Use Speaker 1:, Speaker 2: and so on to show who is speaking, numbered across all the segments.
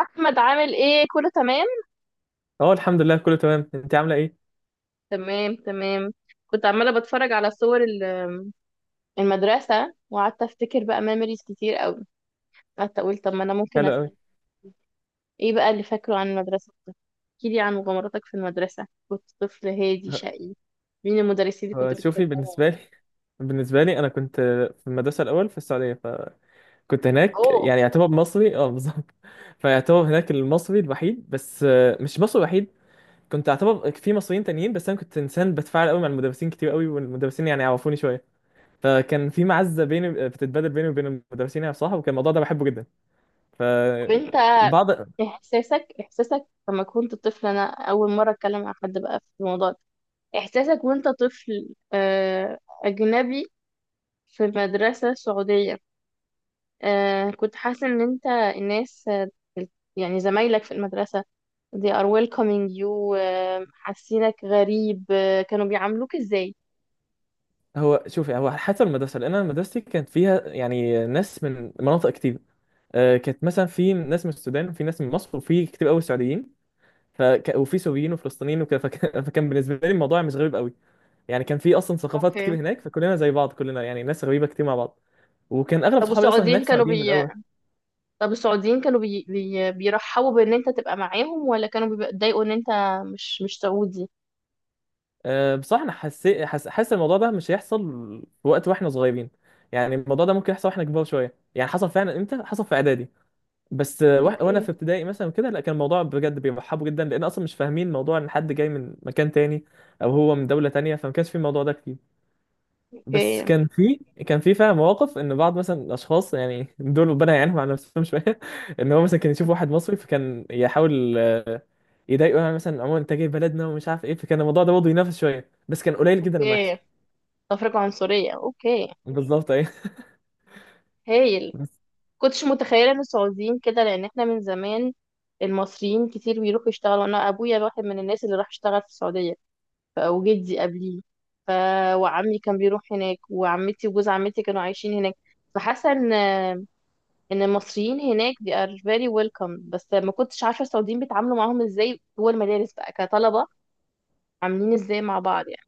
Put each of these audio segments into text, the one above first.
Speaker 1: احمد عامل ايه؟ كله تمام؟
Speaker 2: اه، الحمد لله كله تمام. انت عامله ايه؟
Speaker 1: تمام. كنت عماله بتفرج على صور المدرسه وقعدت افتكر بقى ميموريز كتير قوي. قعدت اقول طب ما انا ممكن
Speaker 2: حلو قوي.
Speaker 1: أسأل. ايه بقى اللي فاكره عن المدرسه؟ احكي لي عن مغامراتك في المدرسه. كنت طفل هادي
Speaker 2: ه-
Speaker 1: شقي؟ مين المدرسين اللي كنت
Speaker 2: شوفي،
Speaker 1: بتحبهم؟
Speaker 2: بالنسبه لي بالنسبه لي انا كنت في المدرسه الاول في السعوديه، فكنت هناك
Speaker 1: اوه.
Speaker 2: يعني يعتبر مصري، اه بالظبط. فيعتبر هناك المصري الوحيد، بس مش مصري الوحيد، كنت اعتبر في مصريين تانيين. بس انا كنت انسان بتفاعل قوي مع المدرسين كتير قوي، والمدرسين يعني عرفوني شويه، فكان في معزه بيني بتتبادل بيني وبين المدرسين يعني بصراحه، وكان الموضوع ده بحبه جدا. ف
Speaker 1: طب انت
Speaker 2: بعض
Speaker 1: احساسك لما كنت طفل؟ انا اول مره اتكلم مع حد بقى في الموضوع ده. احساسك وانت طفل، اجنبي في المدرسة السعودية، آه كنت حاسة ان انت الناس، يعني زمايلك في المدرسة they are welcoming you؟ آه حاسينك غريب؟ آه كانوا بيعاملوك ازاي؟
Speaker 2: هو شوفي، هو حسب المدرسه، لان انا مدرستي كانت فيها يعني ناس من مناطق كتير. كانت مثلا في ناس من السودان، وفي ناس من مصر، وفي كتير قوي سعوديين، وفي سوريين وفلسطينيين وكده فكان بالنسبه لي الموضوع مش غريب قوي. يعني كان في اصلا ثقافات كتير
Speaker 1: اوكي.
Speaker 2: هناك، فكلنا زي بعض، كلنا يعني ناس غريبه كتير مع بعض. وكان اغلب
Speaker 1: طب
Speaker 2: صحابي اصلا هناك
Speaker 1: والسعوديين كانوا
Speaker 2: سعوديين من
Speaker 1: بي...
Speaker 2: الاول.
Speaker 1: طب السعوديين كانوا بيرحبوا بان انت تبقى معاهم، ولا كانوا بيتضايقوا ان انت مش سعودي؟
Speaker 2: أه بصراحه انا حاسس الموضوع ده مش هيحصل في وقت واحنا صغيرين، يعني الموضوع ده ممكن يحصل واحنا كبار شويه، يعني حصل فعلا. امتى حصل؟ في اعدادي. بس وانا
Speaker 1: اوكي.
Speaker 2: في ابتدائي مثلا كده، لا كان الموضوع بجد بيرحبوا جدا، لان اصلا مش فاهمين موضوع ان حد جاي من مكان تاني او هو من دوله تانيه، فما كانش في الموضوع ده كتير. بس
Speaker 1: اوكي.
Speaker 2: كان في، فعلا مواقف ان بعض مثلا الاشخاص يعني دول ربنا يعينهم على نفسهم شويه ان هو مثلا كان يشوف واحد مصري فكان يحاول يضايقه، يعني مثلا عموما انت جاي بلدنا ومش عارف ايه، فكان الموضوع ده برضه ينافس شويه، بس كان قليل جدا لما يحصل.
Speaker 1: اوكي. تفرقة عنصرية، اوكي.
Speaker 2: بالظبط، ايه.
Speaker 1: هايل. كنتش متخيله ان السعوديين كده، لان احنا من زمان المصريين كتير بيروحوا يشتغلوا. انا ابويا واحد من الناس اللي راح يشتغل في السعوديه، وجدي قبليه، ف... وعمي كان بيروح هناك، وعمتي وجوز عمتي كانوا عايشين هناك. فحاسه ان المصريين هناك they are very welcome، بس ما كنتش عارفه السعوديين بيتعاملوا معاهم ازاي جوه المدارس بقى كطلبه. عاملين ازاي مع بعض يعني؟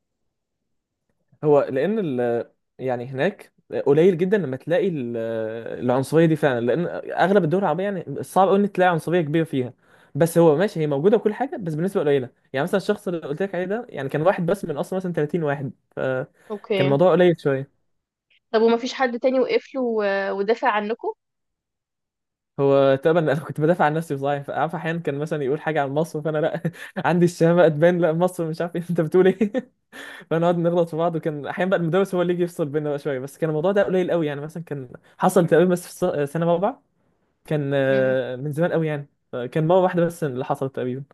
Speaker 2: هو لان ال... يعني هناك قليل جدا لما تلاقي العنصريه دي فعلا، لان اغلب الدول العربيه يعني صعب قوي ان تلاقي عنصريه كبيره فيها. بس هو ماشي، هي موجوده وكل حاجه، بس بالنسبه قليله. يعني مثلا الشخص اللي قلت لك عليه ده يعني كان واحد بس من اصلا مثلا 30 واحد، فكان
Speaker 1: اوكي.
Speaker 2: الموضوع قليل شويه.
Speaker 1: طب وما فيش حد تاني وقف له ودافع عنكم؟
Speaker 2: هو تقريبا انا كنت بدافع عن نفسي صحيح، فعارف احيانا كان مثلا يقول حاجه عن مصر، فانا لا عندي الشهامه اتبان، لا مصر مش عارف إيه. انت بتقول ايه؟ فنقعد نغلط في بعض، وكان احيانا بقى المدرس هو اللي يجي يفصل بينا بقى شويه. بس كان الموضوع ده قليل قوي، يعني مثلا كان حصل تقريبا بس في سنه رابعه، كان
Speaker 1: امم.
Speaker 2: من زمان قوي يعني، كان مره واحده بس اللي حصلت تقريبا.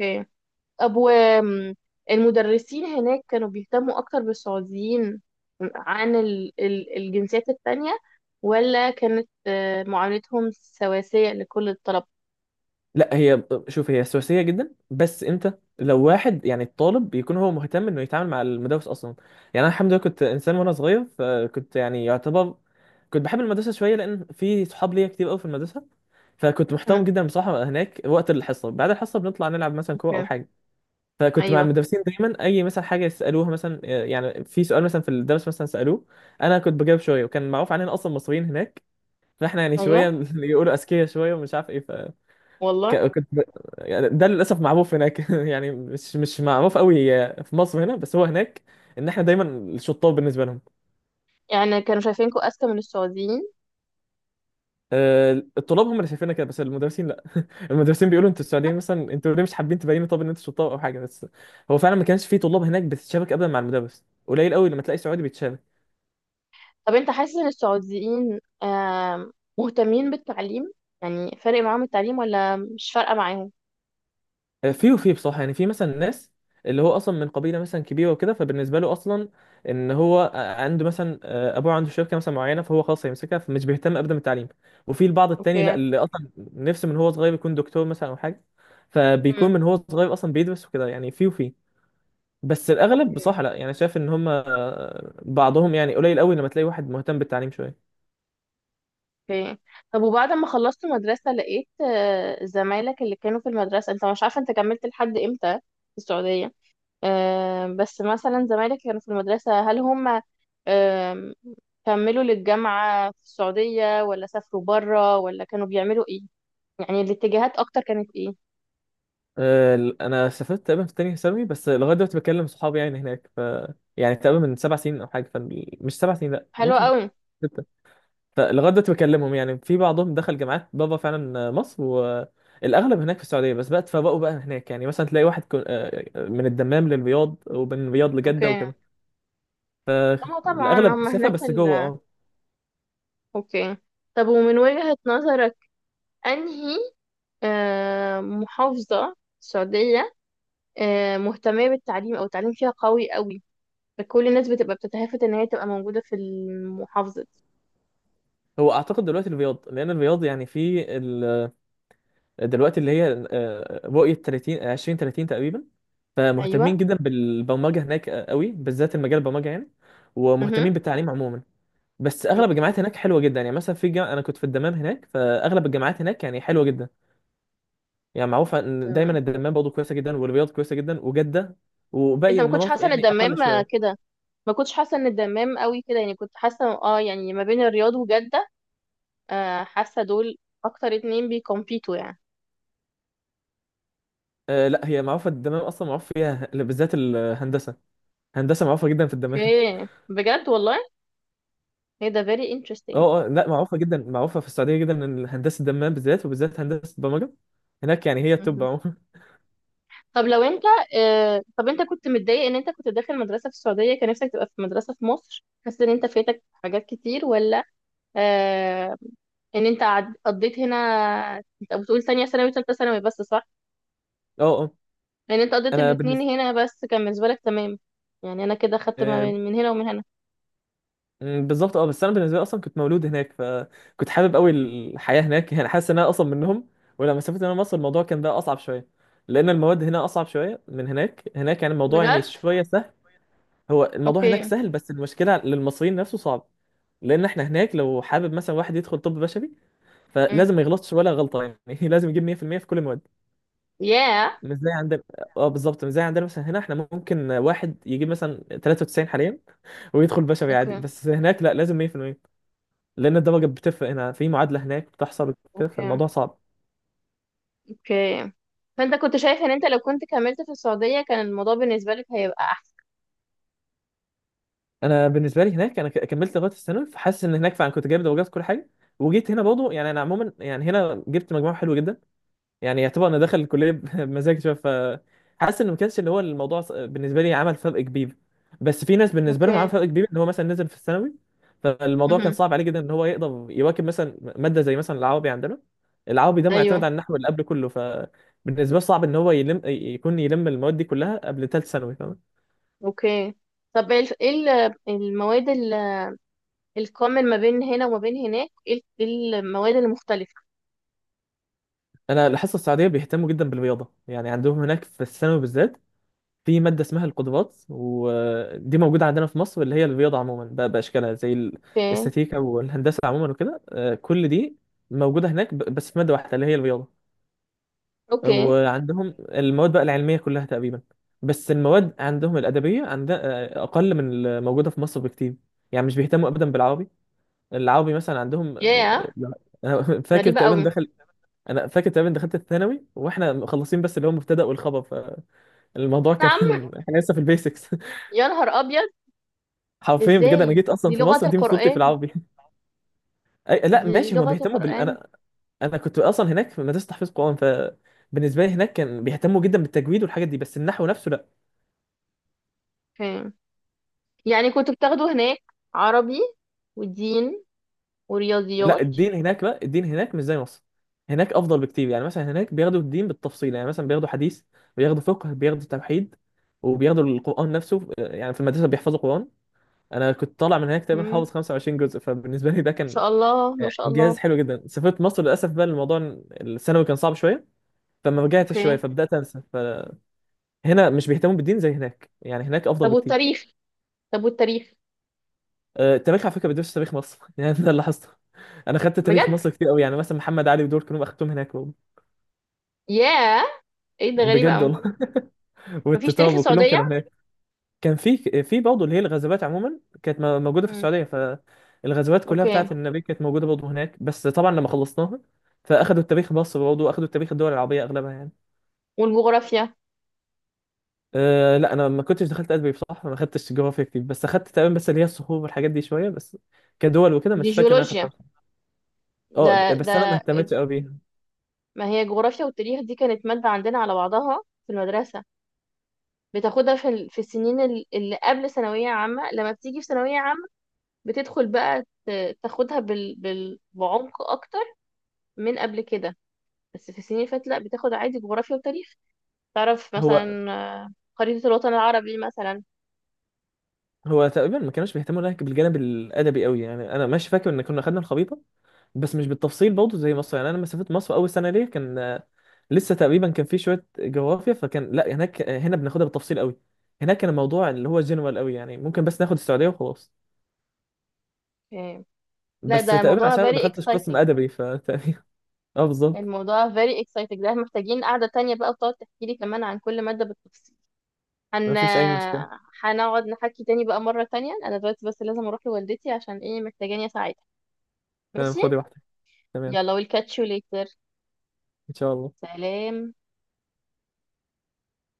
Speaker 1: اوكي. طب والمدرسين هناك كانوا بيهتموا أكتر بالسعوديين عن الجنسيات التانية، ولا كانت، آه، معاملتهم سواسية لكل الطلبة؟
Speaker 2: لا، هي شوف هي سواسيه جدا، بس امتى؟ لو واحد يعني الطالب بيكون هو مهتم انه يتعامل مع المدرس اصلا. يعني انا الحمد لله كنت انسان وانا صغير، فكنت يعني يعتبر كنت بحب المدرسه شويه، لان في صحاب ليا كتير قوي في المدرسه، فكنت
Speaker 1: مم.
Speaker 2: محترم جدا بصراحه هناك. وقت الحصه بعد الحصه بنطلع نلعب مثلا كوره او
Speaker 1: اوكي.
Speaker 2: حاجه، فكنت مع
Speaker 1: أيوه.
Speaker 2: المدرسين دايما. اي مثلا حاجه يسالوها مثلا، يعني في سؤال مثلا في الدرس مثلا سالوه، انا كنت بجاوب شويه. وكان معروف علينا اصلا مصريين هناك، فاحنا يعني
Speaker 1: أيوه.
Speaker 2: شويه يقولوا اذكياء شويه ومش عارف ايه.
Speaker 1: والله.
Speaker 2: فكنت ب... يعني ده للاسف معروف هناك يعني مش معروف قوي في مصر هنا، بس هو هناك ان احنا دايما الشطار بالنسبه لهم.
Speaker 1: يعني كانوا شايفينكوا أذكى من السعوديين؟
Speaker 2: الطلاب هم اللي شايفيننا كده، بس المدرسين لا المدرسين بيقولوا انتوا السعوديين مثلا، انتوا ليه مش حابين تبينوا طب ان انتوا شطار او حاجه. بس هو فعلا ما كانش في طلاب هناك بتتشابك ابدا مع المدرس، قليل قوي لما تلاقي سعودي بيتشابك.
Speaker 1: طب أنت حاسس إن السعوديين، مهتمين بالتعليم؟ يعني فارق معاهم التعليم ولا مش فارقة معاهم؟
Speaker 2: في وفي بصراحة، يعني في مثلا ناس اللي هو أصلا من قبيلة مثلا كبيرة وكده، فبالنسبة له أصلا إن هو عنده مثلا أبوه عنده شركة مثلا معينة، فهو خلاص هيمسكها، فمش بيهتم أبدا بالتعليم. وفي البعض التاني لا،
Speaker 1: اوكي.
Speaker 2: اللي أصلا نفسه من هو صغير يكون دكتور مثلا أو حاجة، فبيكون
Speaker 1: مم.
Speaker 2: من هو صغير أصلا بيدرس وكده. يعني في وفي بس الأغلب
Speaker 1: اوكي.
Speaker 2: بصراحة لا، يعني شايف إن هم بعضهم يعني قليل قوي لما تلاقي واحد مهتم بالتعليم شوية.
Speaker 1: اوكي. طب وبعد ما خلصت مدرسة لقيت، آه، زمايلك اللي كانوا في المدرسة، انت مش عارفة انت كملت لحد امتى في السعودية، آه، بس مثلا زمايلك كانوا في المدرسة، هل هم، آم، كملوا للجامعة في السعودية ولا سافروا برا ولا كانوا بيعملوا ايه؟ يعني الاتجاهات اكتر كانت ايه؟
Speaker 2: انا سافرت تقريبا في تانية ثانوي، بس لغايه دلوقتي بكلم صحابي يعني هناك. يعني تقريبا من سبع سنين او حاجه، فمش سبع سنين، لا
Speaker 1: حلوة
Speaker 2: ممكن
Speaker 1: قوي.
Speaker 2: ستة. فلغايه دلوقتي بكلمهم، يعني في بعضهم دخل جامعات بابا فعلا مصر، والاغلب هناك في السعوديه بس بقى اتفرقوا بقى هناك. يعني مثلا تلاقي واحد من الدمام للرياض، ومن الرياض لجده
Speaker 1: اوكي.
Speaker 2: وكده.
Speaker 1: اه طبعا
Speaker 2: الاغلب
Speaker 1: هم
Speaker 2: سافر
Speaker 1: هناك
Speaker 2: بس جوه، اه.
Speaker 1: اوكي. طب ومن وجهة نظرك، انهي، آه، محافظة السعودية، آه، مهتمة بالتعليم، أو التعليم فيها قوي قوي، فكل الناس بتبقى بتتهافت إن هي تبقى موجودة في المحافظة دي؟
Speaker 2: هو اعتقد دلوقتي الرياض، لان الرياض يعني في دلوقتي اللي هي رؤية 30 آه، 20 30 تقريبا، فمهتمين
Speaker 1: أيوة.
Speaker 2: جدا بالبرمجة هناك، قوي بالذات المجال البرمجة يعني، ومهتمين
Speaker 1: مهم.
Speaker 2: بالتعليم عموما. بس اغلب الجامعات
Speaker 1: أوكي.
Speaker 2: هناك حلوه جدا، يعني مثلا في جامعة انا كنت في الدمام هناك، فاغلب الجامعات هناك يعني حلوه جدا. يعني معروفه ان دايما
Speaker 1: تمام.
Speaker 2: الدمام برضه كويسه جدا، والرياض كويسه جدا، وجده.
Speaker 1: أنت
Speaker 2: وباقي
Speaker 1: ما كنتش
Speaker 2: المناطق
Speaker 1: حاسة إن
Speaker 2: يعني اقل
Speaker 1: الدمام، آه،
Speaker 2: شويه.
Speaker 1: كده. ما كنتش حاسة إن الدمام قوي كده؟ يعني كنت حاسة اه يعني ما بين الرياض وجدة، آه، حاسة دول أكتر اتنين بيكمبيتوا يعني.
Speaker 2: آه لا، هي معروفه الدمام اصلا معروف فيها بالذات الهندسه، هندسه معروفه جدا في الدمام.
Speaker 1: أوكي. بجد والله. هي ده very interesting.
Speaker 2: اه لا معروفه جدا، معروفه في السعوديه جدا ان هندسه دمام بالذات، وبالذات هندسه برمجه هناك، يعني هي التوب
Speaker 1: مهم.
Speaker 2: عموما.
Speaker 1: طب لو انت، آه، طب انت كنت متضايق ان انت كنت داخل مدرسة في السعودية؟ كان نفسك تبقى في مدرسة في مصر؟ حاسس ان انت فاتك حاجات كتير ولا، آه، ان انت قضيت هنا؟ انت بتقول تانية ثانوي وتالتة ثانوي بس، صح؟
Speaker 2: اه
Speaker 1: ان انت قضيت
Speaker 2: انا
Speaker 1: الاتنين
Speaker 2: بالنسبه
Speaker 1: هنا، بس كان بالنسبة لك تمام؟ يعني انا كده خدت ما
Speaker 2: آه،
Speaker 1: من هنا ومن هنا.
Speaker 2: م، بالظبط. اه، بس انا بالنسبه لي اصلا كنت مولود هناك، فكنت حابب قوي الحياه هناك، يعني حاسس ان انا اصلا منهم. ولما سافرت انا مصر الموضوع كان بقى اصعب شويه، لان المواد هنا اصعب شويه من هناك. هناك يعني الموضوع يعني
Speaker 1: بجد.
Speaker 2: شويه سهل، هو الموضوع هناك
Speaker 1: اوكي.
Speaker 2: سهل، بس المشكله للمصريين نفسه صعب. لان احنا هناك لو حابب مثلا واحد يدخل طب بشري،
Speaker 1: امم.
Speaker 2: فلازم ما يغلطش ولا غلطه، يعني لازم يجيب 100 في المية في كل المواد.
Speaker 1: ياه.
Speaker 2: مش زي عندنا. اه بالظبط، مش زي عندنا. مثلا هنا احنا ممكن واحد يجيب مثلا 93 حاليا ويدخل بشري عادي،
Speaker 1: اوكي.
Speaker 2: بس هناك لا، لازم 100%، لان الدرجه بتفرق. هنا في معادله هناك بتحصل كده،
Speaker 1: اوكي.
Speaker 2: فالموضوع صعب.
Speaker 1: اوكي. فانت كنت شايف ان انت لو كنت كملت في السعودية كان الموضوع بالنسبة لك هيبقى احسن؟
Speaker 2: انا بالنسبه لي هناك انا كملت لغايه الثانوي، فحاسس ان هناك فعلا كنت جايب درجات في كل حاجه. وجيت هنا برضه يعني انا عموما، يعني هنا جبت مجموع حلو جدا، يعني يعتبر انا داخل الكليه بمزاج شويه. حاسس ان ما كانش اللي هو الموضوع بالنسبه لي عمل فرق كبير. بس في ناس بالنسبه لهم عمل
Speaker 1: اوكي.
Speaker 2: فرق كبير، ان هو مثلا نزل في الثانوي، فالموضوع كان
Speaker 1: امم.
Speaker 2: صعب عليه جدا ان هو يقدر يواكب مثلا ماده زي مثلا العربي عندنا. العربي ده معتمد
Speaker 1: ايوه.
Speaker 2: على النحو اللي قبل كله، فبالنسبه له صعب ان هو يلم المواد دي كلها قبل ثالث ثانوي، فاهم.
Speaker 1: اوكي. طب ايه إيه المواد الكومن ما بين هنا وما بين هناك؟ ايه إيه المواد المختلفة؟
Speaker 2: انا الحصه السعوديه بيهتموا جدا بالرياضه، يعني عندهم هناك في الثانوي بالذات في مادة اسمها القدرات، ودي موجودة عندنا في مصر اللي هي الرياضة عموما بقى بأشكالها، زي
Speaker 1: اوكي.
Speaker 2: الاستاتيكا والهندسة عموما وكده، كل دي موجودة هناك بس في مادة واحدة اللي هي الرياضة.
Speaker 1: اوكي.
Speaker 2: وعندهم المواد بقى العلمية كلها تقريبا، بس المواد عندهم الأدبية عندها أقل من الموجودة في مصر بكتير. يعني مش بيهتموا أبدا بالعربي. العربي مثلا عندهم
Speaker 1: ياه.
Speaker 2: آه، أنا فاكر
Speaker 1: غريبة
Speaker 2: تقريبا
Speaker 1: قوي.
Speaker 2: دخل أنا فاكر تقريبا دخلت الثانوي وإحنا مخلصين بس اللي هو المبتدأ والخبر، فالموضوع
Speaker 1: نعم.
Speaker 2: كان إحنا لسه في البيسكس.
Speaker 1: يا نهار أبيض.
Speaker 2: حرفيا بجد انا جيت
Speaker 1: إزاي،
Speaker 2: اصلا
Speaker 1: دي
Speaker 2: في
Speaker 1: لغة
Speaker 2: مصر دي من صورتي في
Speaker 1: القرآن!
Speaker 2: العربي. أي لا
Speaker 1: دي
Speaker 2: ماشي، هما
Speaker 1: لغة
Speaker 2: بيهتموا بال
Speaker 1: القرآن.
Speaker 2: انا انا كنت اصلا هناك في مدرسه تحفيظ قران، فبالنسبه لي هناك كان بيهتموا جدا بالتجويد والحاجات دي، بس النحو نفسه لا.
Speaker 1: فين؟ يعني كنت بتاخده هناك عربي ودين
Speaker 2: لا
Speaker 1: ورياضيات؟
Speaker 2: الدين هناك بقى، الدين هناك مش زي مصر، هناك افضل بكتير. يعني مثلا هناك بياخدوا الدين بالتفصيل، يعني مثلا بياخدوا حديث، بياخدوا فقه، بياخدوا توحيد، وبياخدوا القران نفسه، يعني في المدرسه بيحفظوا قران. انا كنت طالع من هناك تقريبا حافظ
Speaker 1: مم.
Speaker 2: 25 جزء، فبالنسبه لي ده
Speaker 1: ما
Speaker 2: كان
Speaker 1: شاء الله، ما شاء
Speaker 2: انجاز
Speaker 1: الله.
Speaker 2: حلو جدا. سافرت مصر للاسف بقى الموضوع الثانوي كان صعب شويه، فما رجعت شويه
Speaker 1: أوكي.
Speaker 2: فبدات انسى. فهنا مش بيهتموا بالدين زي هناك، يعني هناك افضل
Speaker 1: طب
Speaker 2: بكتير.
Speaker 1: والتاريخ؟ طب والتاريخ؟
Speaker 2: التاريخ على فكره بيدرس تاريخ مصر، يعني ده اللي لاحظته. انا خدت تاريخ
Speaker 1: بجد؟
Speaker 2: مصر كتير قوي، يعني مثلا محمد علي ودول كلهم اخدتهم هناك برضه.
Speaker 1: ياه. إيه ده، غريبة
Speaker 2: بجد
Speaker 1: قوي.
Speaker 2: والله،
Speaker 1: مفيش تاريخ
Speaker 2: والتتار وكلهم
Speaker 1: السعودية؟
Speaker 2: كانوا هناك. كان في، في برضه اللي هي الغزوات عموما كانت موجوده في
Speaker 1: مم.
Speaker 2: السعوديه، فالغزوات كلها
Speaker 1: أوكي.
Speaker 2: بتاعت النبي كانت موجوده برضه هناك. بس طبعا لما خلصناها فاخدوا التاريخ مصر برضه، واخدوا التاريخ الدول العربيه اغلبها يعني.
Speaker 1: والجغرافيا؟
Speaker 2: أه لا، انا ما كنتش دخلت ادبي بصراحه، ما خدتش جغرافيا كتير، بس اخدت تقريبا بس اللي هي الصخور والحاجات دي شويه بس، كدول وكده.
Speaker 1: دي
Speaker 2: مش فاكر إن انا
Speaker 1: جيولوجيا
Speaker 2: اخدتها بصراحة. اه،
Speaker 1: ده.
Speaker 2: بس انا
Speaker 1: ده
Speaker 2: ما اهتمتش قوي بيها.
Speaker 1: ما هي جغرافيا، والتاريخ دي كانت مادة عندنا على بعضها في المدرسة. بتاخدها في في السنين اللي قبل ثانوية عامة. لما بتيجي في ثانوية عامة بتدخل بقى تاخدها بعمق أكتر من قبل كده، بس في السنين اللي فاتت لأ، بتاخد عادي جغرافيا وتاريخ. تعرف
Speaker 2: هو
Speaker 1: مثلا، آه، خريطة الوطن العربي مثلا؟
Speaker 2: هو تقريبا ما كانوش بيهتموا لك بالجانب الادبي قوي، يعني انا ماشي فاكر ان كنا خدنا الخريطه، بس مش بالتفصيل برضه زي مصر. يعني انا لما سافرت مصر اول سنه ليا كان لسه تقريبا كان في شويه جغرافيا، فكان لا هناك، هنا بناخدها بالتفصيل قوي، هناك كان الموضوع اللي هو جنرال قوي، يعني ممكن بس ناخد السعوديه وخلاص.
Speaker 1: آه. لا
Speaker 2: بس
Speaker 1: ده
Speaker 2: تقريبا
Speaker 1: موضوع
Speaker 2: عشان ما
Speaker 1: very
Speaker 2: دخلتش قسم
Speaker 1: exciting.
Speaker 2: ادبي فتقريبا. اه بالظبط.
Speaker 1: الموضوع very exciting ده، محتاجين قعدة تانية بقى وتقعد تحكي لي كمان عن كل مادة بالتفصيل.
Speaker 2: ما
Speaker 1: هن.
Speaker 2: فيش أي مشكلة.
Speaker 1: هنقعد نحكي تاني بقى مرة تانية. أنا دلوقتي بس لازم أروح لوالدتي عشان إيه، محتاجاني أساعدها.
Speaker 2: تمام،
Speaker 1: ماشي.
Speaker 2: خدي واحدة. تمام.
Speaker 1: يلا والكاتشيو ليتر.
Speaker 2: إن شاء الله.
Speaker 1: سلام.